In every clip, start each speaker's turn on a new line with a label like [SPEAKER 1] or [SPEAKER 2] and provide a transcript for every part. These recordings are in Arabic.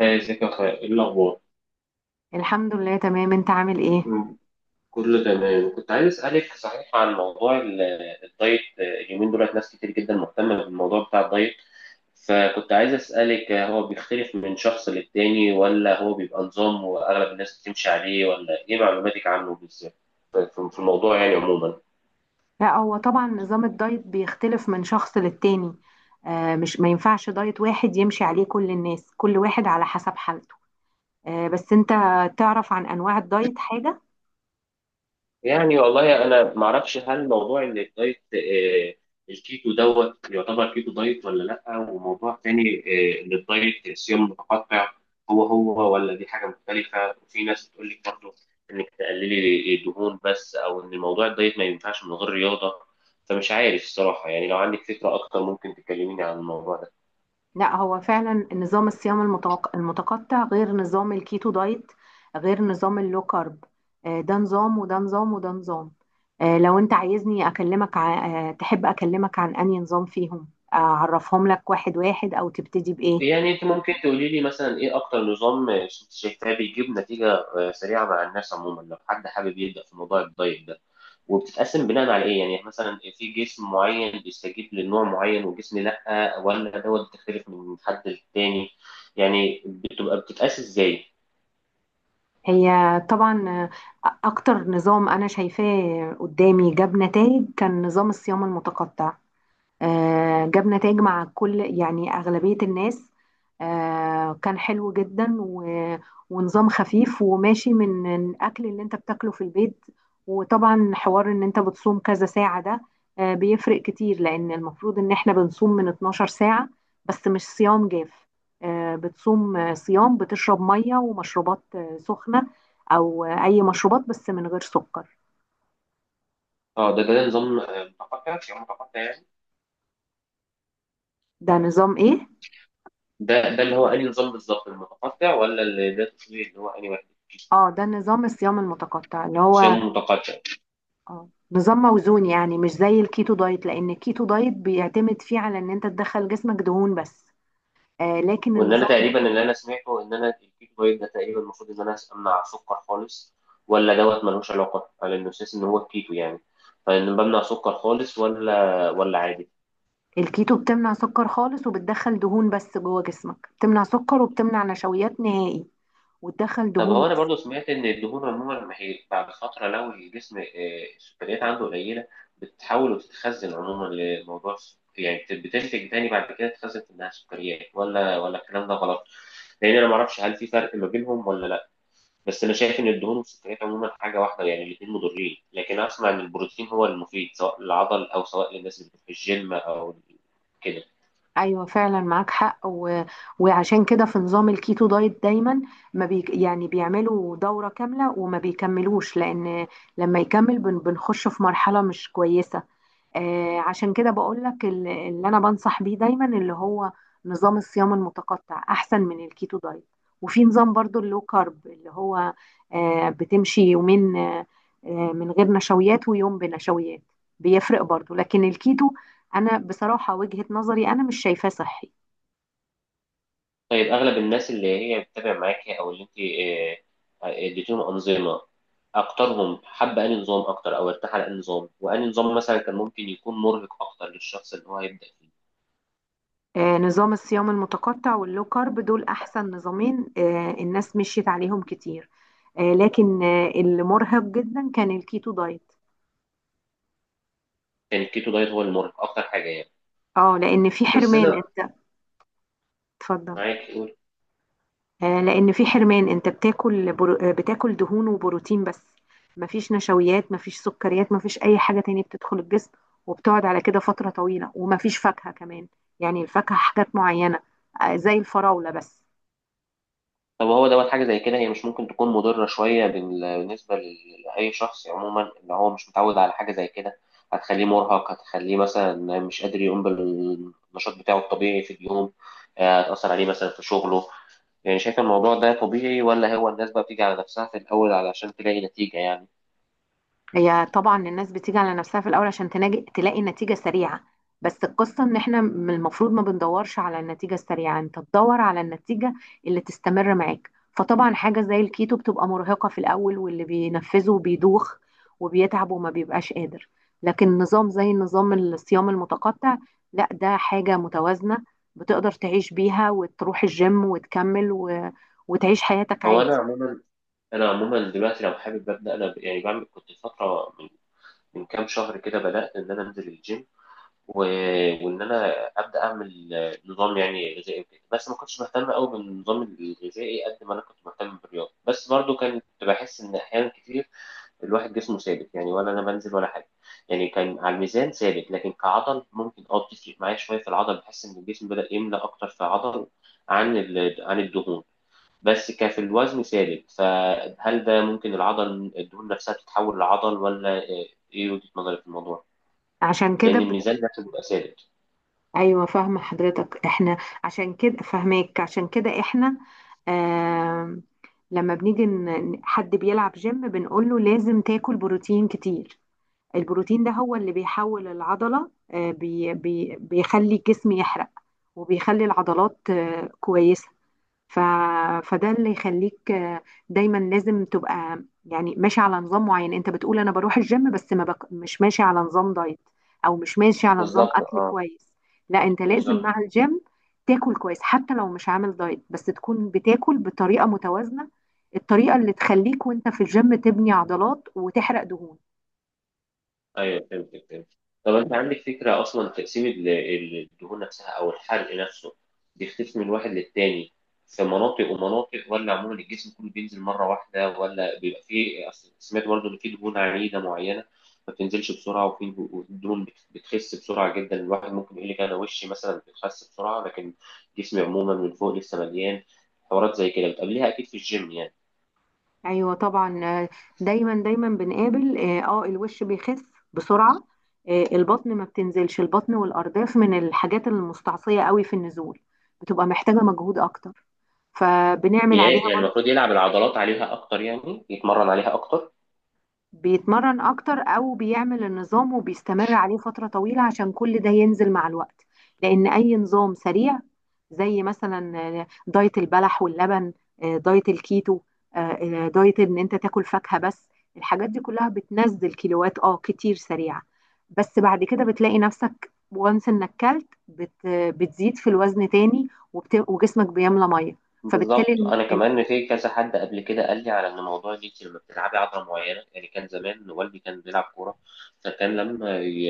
[SPEAKER 1] هاي، ازيك يا اخويا؟ ايه الاخبار؟
[SPEAKER 2] الحمد لله، تمام. انت عامل ايه؟
[SPEAKER 1] مم. كله تمام. كنت عايز اسالك صحيح عن موضوع الدايت. اليومين دولت ناس كتير جدا مهتمه بالموضوع بتاع الدايت، فكنت عايز اسالك، هو بيختلف من شخص للتاني ولا هو بيبقى نظام واغلب الناس بتمشي عليه؟ ولا ايه معلوماتك عنه بالذات في الموضوع يعني عموما؟
[SPEAKER 2] لا، هو طبعا نظام الدايت بيختلف من شخص للتاني. آه، مش ما ينفعش دايت واحد يمشي عليه كل الناس، كل واحد على حسب حالته. آه، بس انت تعرف عن انواع الدايت حاجة؟
[SPEAKER 1] يعني والله انا ما اعرفش، هل موضوع ان الدايت الكيتو دوت يعتبر كيتو دايت ولا لا، وموضوع تاني ان الدايت صيام متقطع هو هو، ولا دي حاجه مختلفه؟ وفي ناس بتقول لك برضه انك تقللي دهون بس، او ان موضوع الدايت ما ينفعش من غير رياضه. فمش عارف الصراحه، يعني لو عندك فكره اكتر ممكن تكلميني عن الموضوع ده.
[SPEAKER 2] لا، هو فعلا نظام الصيام المتقطع غير نظام الكيتو دايت، غير نظام اللو كارب. آه، ده نظام وده نظام وده نظام. آه، لو انت عايزني اكلمك تحب اكلمك عن انهي نظام فيهم؟ اعرفهم لك واحد واحد او تبتدي بايه؟
[SPEAKER 1] يعني انت ممكن تقولي لي مثلا ايه اكتر نظام شايفاه بيجيب نتيجه سريعه مع الناس عموما، لو حد حابب يبدا في موضوع الدايت ده، وبتتقسم بناء على ايه؟ يعني مثلا في جسم معين بيستجيب لنوع معين وجسم لا، ولا دوت بتختلف من حد للتاني؟ يعني بتبقى بتتقاس ازاي؟
[SPEAKER 2] هي طبعا. أكتر نظام أنا شايفاه قدامي جاب نتائج كان نظام الصيام المتقطع. جاب نتائج مع، كل يعني، أغلبية الناس. كان حلو جدا ونظام خفيف وماشي من الأكل اللي أنت بتاكله في البيت. وطبعا حوار إن أنت بتصوم كذا ساعة ده، بيفرق كتير لأن المفروض إن إحنا بنصوم من 12 ساعة. بس مش صيام جاف. بتصوم صيام، بتشرب مية ومشروبات سخنة، أو أي مشروبات بس من غير سكر.
[SPEAKER 1] اه، ده نظام متقطع، يعني متقطع يعني.
[SPEAKER 2] ده نظام إيه؟
[SPEAKER 1] ده اللي هو انهي نظام بالظبط، المتقطع ولا اللي ده تقصدي اللي هو انهي واحد؟
[SPEAKER 2] اه، ده نظام الصيام المتقطع اللي
[SPEAKER 1] شام
[SPEAKER 2] هو
[SPEAKER 1] متقطع.
[SPEAKER 2] اه، نظام موزون، يعني مش زي الكيتو دايت، لان الكيتو دايت بيعتمد فيه على ان انت تدخل جسمك دهون بس. آه، لكن
[SPEAKER 1] وان انا
[SPEAKER 2] النظام
[SPEAKER 1] تقريبا اللي انا سمعته ان انا الكيتو دايت ده تقريبا المفروض ان انا امنع السكر خالص، ولا دوت ملوش علاقه على انه اساس ان هو الكيتو يعني؟ فان بمنع سكر خالص ولا عادي؟
[SPEAKER 2] الكيتو بتمنع سكر خالص وبتدخل دهون بس جوه جسمك، بتمنع سكر وبتمنع نشويات نهائي وتدخل
[SPEAKER 1] طب
[SPEAKER 2] دهون
[SPEAKER 1] هو انا
[SPEAKER 2] بس.
[SPEAKER 1] برضو سمعت ان الدهون عموما لما هي بعد فتره، لو الجسم السكريات عنده قليله، بتتحول وتتخزن عموما لموضوع يعني بتنتج تاني بعد كده، تتخزن في انها سكريات، ولا الكلام ده غلط؟ لان انا ما اعرفش هل في فرق ما بينهم ولا لا. بس انا شايف ان الدهون والسكريات عموما حاجه واحده، يعني الاثنين مضرين، لكن اسمع ان البروتين هو المفيد سواء للعضل او سواء للناس اللي في الجيم او كده.
[SPEAKER 2] ايوه، فعلا معاك حق، و... وعشان كده في نظام الكيتو دايت دايما ما بي... يعني بيعملوا دورة كاملة وما بيكملوش، لان لما يكمل بنخش في مرحلة مش كويسة. عشان كده بقول لك اللي انا بنصح بيه دايما اللي هو نظام الصيام المتقطع احسن من الكيتو دايت. وفي نظام برضو اللو كارب اللي هو بتمشي يومين من غير نشويات، ويوم بنشويات. بيفرق برضو، لكن الكيتو انا بصراحة وجهة نظري انا مش شايفاه صحي.
[SPEAKER 1] طيب، أغلب الناس اللي هي بتتابع معاكي أو اللي أنت اديتيهم أنظمة، أكترهم حب أنهي نظام أكتر أو ارتاح على أنهي نظام، وأنهي نظام مثلا كان ممكن يكون مرهق أكتر للشخص اللي هو هيبدأ فيه؟
[SPEAKER 2] نظام الصيام المتقطع واللو كارب دول احسن نظامين. الناس مشيت عليهم كتير. لكن اللي مرهق جدا كان الكيتو دايت.
[SPEAKER 1] كان الكيتو دايت هو المرهق أكتر حاجة يعني؟
[SPEAKER 2] اه، لان في
[SPEAKER 1] بس
[SPEAKER 2] حرمان
[SPEAKER 1] أنا،
[SPEAKER 2] انت... اتفضل.
[SPEAKER 1] معاك قول.
[SPEAKER 2] لان في حرمان، انت بتاكل برو... آه، بتاكل دهون وبروتين بس. مفيش نشويات، مفيش سكريات، مفيش اي حاجه تانية بتدخل الجسم، وبتقعد على كده فتره طويله، ومفيش فاكهه كمان. يعني الفاكهه حاجات معينه، زي الفراوله بس.
[SPEAKER 1] طب هو دوت حاجة زي كده هي مش ممكن تكون مضرة شوية بالنسبة لأي شخص عموما اللي هو مش متعود على حاجة زي كده؟ هتخليه مرهق، هتخليه مثلا مش قادر يقوم بالنشاط بتاعه الطبيعي في اليوم، هتأثر عليه مثلا في شغله. يعني شايف الموضوع ده طبيعي، ولا هو الناس بقى بتيجي على نفسها في الأول علشان تلاقي نتيجة يعني؟
[SPEAKER 2] هي طبعا الناس بتيجي على نفسها في الاول عشان تناجي تلاقي نتيجه سريعه. بس القصه ان احنا من المفروض ما بندورش على النتيجه السريعه، انت تدور على النتيجه اللي تستمر معاك. فطبعا حاجه زي الكيتو بتبقى مرهقه في الاول، واللي بينفذه بيدوخ وبيتعب وما بيبقاش قادر. لكن نظام زي نظام الصيام المتقطع، لا، ده حاجه متوازنه، بتقدر تعيش بيها وتروح الجيم وتكمل، و... وتعيش حياتك
[SPEAKER 1] هو أنا
[SPEAKER 2] عادي.
[SPEAKER 1] عموما، دلوقتي لو حابب أبدأ أنا يعني بعمل، كنت فترة من كام شهر كده بدأت إن أنا أنزل الجيم، و... وإن أنا أبدأ أعمل نظام يعني غذائي وكده. بس ما كنتش مهتم أوي بالنظام الغذائي قد ما أنا كنت مهتم بالرياضة، بس برضو كنت بحس إن أحيانا كتير الواحد جسمه ثابت، يعني ولا انا بنزل ولا حاجه. يعني كان على الميزان ثابت لكن كعضل، ممكن بتفرق معايا شويه في العضل، بحس ان الجسم بدا يملى اكتر في عضل عن عن الدهون. بس كان في الوزن ثابت، فهل ده ممكن العضل الدهون نفسها تتحول لعضل، ولا ايه وجهه نظرك في الموضوع؟
[SPEAKER 2] عشان
[SPEAKER 1] لان
[SPEAKER 2] كده
[SPEAKER 1] الميزان نفسه بيبقى ثابت.
[SPEAKER 2] ايوه، فاهمه حضرتك. احنا عشان كده فاهماك. عشان كده احنا، آم، لما بنيجي حد بيلعب جيم بنقول له لازم تاكل بروتين كتير. البروتين ده هو اللي بيحول العضله، آه، بي بي بيخلي الجسم يحرق، وبيخلي العضلات كويسه. ف... فده اللي يخليك، دايما لازم تبقى، يعني، ماشي على نظام معين. انت بتقول انا بروح الجيم بس ما بك... مش ماشي على نظام دايت، او مش ماشي على نظام
[SPEAKER 1] بالظبط،
[SPEAKER 2] اكل كويس. لا، انت لازم
[SPEAKER 1] بالظبط.
[SPEAKER 2] مع الجيم تاكل كويس، حتى لو مش عامل دايت، بس تكون بتاكل بطريقة متوازنة، الطريقة اللي تخليك وانت في الجيم تبني عضلات وتحرق دهون.
[SPEAKER 1] ايوه فهمتك، فهمت. طب انت عندك فكره اصلا، تقسيم الدهون نفسها او الحرق نفسه بيختلف من واحد للتاني في مناطق ومناطق، ولا عموما الجسم كله بينزل مره واحده، ولا بيبقى فيه؟ أصل سمعت برضه ان في دهون عنيده معينه ما بتنزلش بسرعه، وفي دهون بتخس بسرعه جدا. الواحد ممكن يقول لك انا وشي مثلا بتخس بسرعه، لكن جسمي عموما من فوق لسه مليان. حوارات زي كده بتقابليها اكيد في الجيم يعني.
[SPEAKER 2] ايوه طبعا. دايما دايما بنقابل، الوش بيخس بسرعه. البطن ما بتنزلش. البطن والارداف من الحاجات المستعصيه قوي في النزول، بتبقى محتاجه مجهود اكتر، فبنعمل عليها.
[SPEAKER 1] يعني المفروض يلعب العضلات عليها اكتر، يعني يتمرن عليها اكتر.
[SPEAKER 2] بيتمرن اكتر او بيعمل النظام وبيستمر عليه فترة طويلة، عشان كل ده ينزل مع الوقت. لان اي نظام سريع، زي مثلا دايت البلح واللبن، دايت الكيتو، دايت ان انت تاكل فاكهة بس، الحاجات دي كلها بتنزل كيلوات كتير سريعة. بس بعد كده بتلاقي نفسك، وانس انك كلت بتزيد في الوزن تاني، وجسمك بيملى ميه.
[SPEAKER 1] بالظبط،
[SPEAKER 2] فبالتالي
[SPEAKER 1] انا كمان في كذا حد قبل كده قال لي على ان موضوع ان انت لما بتلعبي عضله معينه، يعني كان زمان والدي كان بيلعب كوره، فكان لما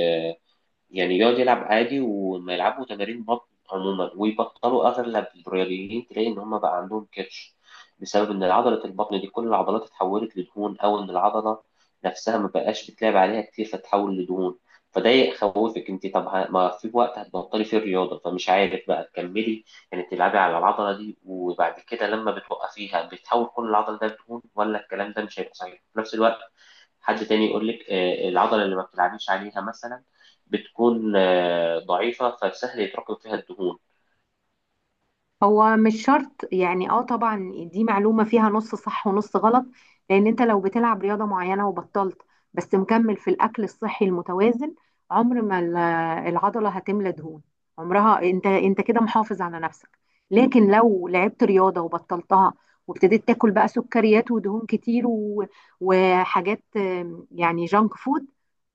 [SPEAKER 1] يعني يقعد يلعب عادي وما يلعبوا تمارين بطن عموما ويبطلوا، اغلب الرياضيين تلاقي ان هم بقى عندهم كرش، بسبب ان عضله البطن دي كل العضلات اتحولت لدهون، او ان العضله نفسها ما بقاش بتلعب عليها كتير فتتحول لدهون. فده يخوفك انت. طب ما في وقت هتبطلي فيه الرياضه، فمش عارف بقى تكملي، يعني تلعبي على العضله دي وبعد كده لما بتوقفيها بتحول كل العضله ده لدهون، ولا الكلام ده مش هيبقى صحيح؟ في نفس الوقت حد تاني يقول لك العضلة اللي ما بتلعبيش عليها مثلا بتكون ضعيفة، فسهل يتراكم فيها الدهون.
[SPEAKER 2] هو مش شرط، يعني، طبعا دي معلومة فيها نص صح ونص غلط. لان انت لو بتلعب رياضة معينة وبطلت، بس مكمل في الاكل الصحي المتوازن، عمر ما العضلة هتملى دهون. عمرها، انت كده محافظ على نفسك. لكن لو لعبت رياضة وبطلتها، وابتديت تاكل بقى سكريات ودهون كتير، و... وحاجات، يعني، جانك فود،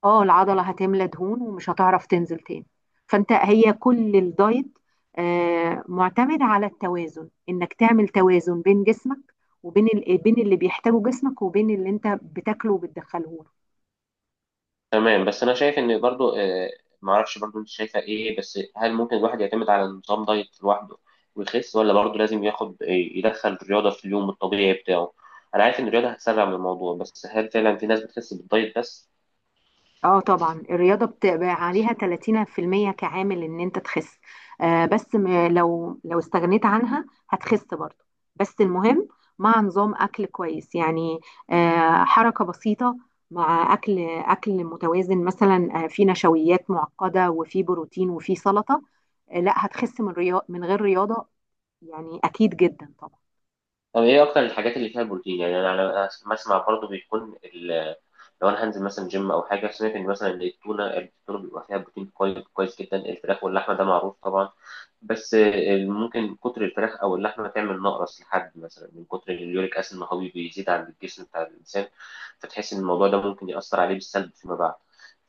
[SPEAKER 2] اه العضلة هتملى دهون ومش هتعرف تنزل تاني. فانت، هي كل الدايت معتمد على التوازن، انك تعمل توازن بين جسمك، وبين بين اللي بيحتاجه جسمك وبين اللي انت بتاكله وبتدخله له.
[SPEAKER 1] تمام، بس أنا شايف إن برضو، معرفش برضو أنت شايفة إيه، بس هل ممكن الواحد يعتمد على نظام دايت لوحده ويخس، ولا برضو لازم ياخد، يدخل الرياضة في اليوم الطبيعي بتاعه؟ أنا عارف إن الرياضة هتسرع من الموضوع، بس هل فعلا في ناس بتخس بالدايت بس؟
[SPEAKER 2] اه طبعا، الرياضه بتبقى عليها 30% كعامل ان انت تخس. آه بس م- لو استغنيت عنها هتخس برضه. بس المهم مع نظام اكل كويس، يعني حركه بسيطه، مع اكل متوازن، مثلا في نشويات معقده وفي بروتين وفي سلطه. لا، هتخس من من غير رياضة، يعني اكيد جدا طبعا.
[SPEAKER 1] طب ايه اكتر الحاجات اللي فيها بروتين يعني؟ انا بسمع برضو بيكون لو انا هنزل مثلا جيم او حاجه، سمعت ان مثلا إن التونه بيبقى فيها بروتين كويس كويس جدا، الفراخ واللحمه ده معروف طبعا. بس ممكن كتر الفراخ او اللحمه تعمل نقرس لحد مثلا، من كتر اليوريك اسيد ما هو بيزيد عند الجسم بتاع الانسان، فتحس ان الموضوع ده ممكن ياثر عليه بالسلب فيما بعد.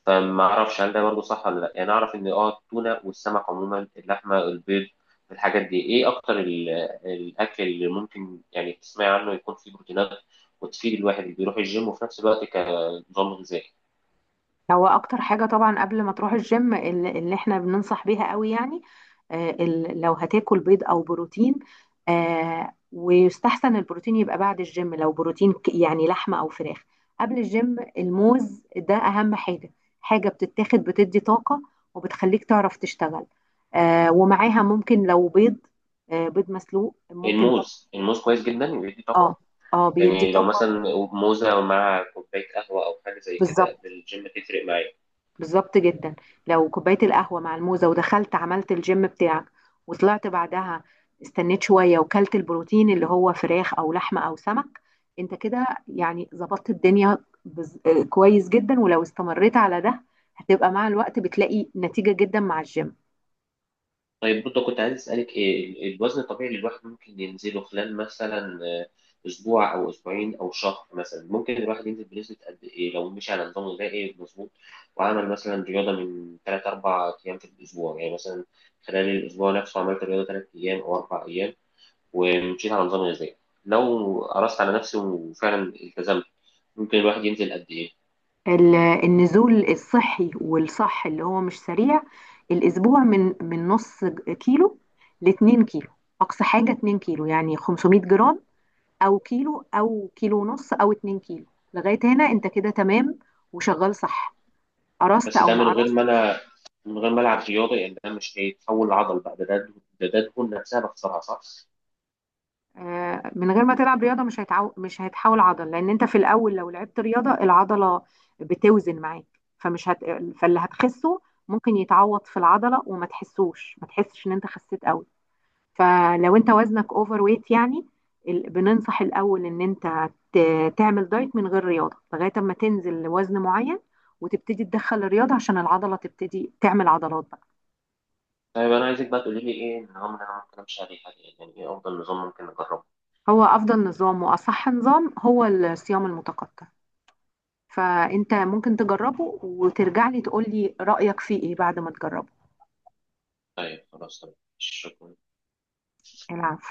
[SPEAKER 1] فما اعرفش هل ده برضه صح ولا لا. يعني اعرف ان التونه والسمك عموما، اللحمه، البيض، الحاجات دي ايه اكتر الاكل اللي ممكن يعني تسمعي عنه يكون فيه بروتينات، وتفيد الواحد اللي بيروح الجيم وفي نفس الوقت كنظام غذائي.
[SPEAKER 2] هو اكتر حاجه طبعا قبل ما تروح الجيم، اللي احنا بننصح بيها قوي، يعني، لو هتاكل بيض او بروتين. ويستحسن البروتين يبقى بعد الجيم، لو بروتين يعني لحمه او فراخ. قبل الجيم، الموز ده اهم حاجه، حاجه بتتاخد بتدي طاقه، وبتخليك تعرف تشتغل. ومعاها ممكن لو بيض، بيض مسلوق، ممكن
[SPEAKER 1] الموز، الموز كويس جدا ويدي
[SPEAKER 2] اه.
[SPEAKER 1] طاقه.
[SPEAKER 2] اه، بيدي
[SPEAKER 1] يعني لو
[SPEAKER 2] طاقه.
[SPEAKER 1] مثلا موزه مع كوبايه قهوه او حاجه زي كده
[SPEAKER 2] بالظبط.
[SPEAKER 1] قبل الجيم تفرق معايا.
[SPEAKER 2] بالظبط جدا. لو كوباية القهوة مع الموزة، ودخلت عملت الجيم بتاعك، وطلعت بعدها، استنيت شوية وكلت البروتين اللي هو فراخ أو لحمة أو سمك، انت كده، يعني، ظبطت الدنيا. بز... آه، كويس جدا، ولو استمريت على ده هتبقى مع الوقت بتلاقي نتيجة جدا مع الجيم.
[SPEAKER 1] طيب برضه كنت عايز أسألك إيه الوزن الطبيعي اللي الواحد ممكن ينزله خلال مثلا أسبوع أو أسبوعين أو شهر؟ مثلا ممكن الواحد ينزل بنسبة قد إيه لو مشي على نظام غذائي مظبوط وعمل مثلا رياضة من تلات أربع أيام في الأسبوع، يعني مثلا خلال الأسبوع نفسه عملت رياضة تلات أيام أو أربع أيام ومشيت على نظام غذائي، لو قرصت على نفسي وفعلا التزمت، ممكن الواحد ينزل قد إيه؟
[SPEAKER 2] النزول الصحي والصح اللي هو مش سريع، الأسبوع من نص كيلو لاتنين كيلو. أقصى حاجة 2 كيلو، يعني 500 جرام او كيلو او كيلو ونص او 2 كيلو. لغايه هنا انت كده تمام وشغال صح، قرصت
[SPEAKER 1] بس
[SPEAKER 2] او
[SPEAKER 1] ده
[SPEAKER 2] ما قرصتش.
[SPEAKER 1] من غير ما العب رياضه، يعني ده مش هيتحول لعضل بقى، ده دهون نفسها بخسرها صح؟
[SPEAKER 2] من غير ما تلعب رياضه، مش هيتحول عضل، لان انت في الاول لو لعبت رياضه العضله بتوزن معاك. فمش هت... فاللي هتخسه ممكن يتعوض في العضله، وما تحسوش ما تحسش ان انت خسيت قوي. فلو انت وزنك اوفر ويت، يعني، بننصح الاول ان انت تعمل دايت من غير رياضه لغايه اما تنزل لوزن معين، وتبتدي تدخل الرياضه عشان العضله تبتدي تعمل عضلات بقى.
[SPEAKER 1] طيب انا عايزك بقى تقولي لي ايه النظام اللي انا ممكن امشي عليه حاليا؟ يعني ايه افضل نظام ممكن اجربه؟
[SPEAKER 2] هو افضل نظام واصح نظام هو الصيام المتقطع، فانت ممكن تجربه وترجع لي تقول لي رايك فيه ايه بعد ما تجربه.
[SPEAKER 1] طيب خلاص، تمام، شكرا.
[SPEAKER 2] العفو.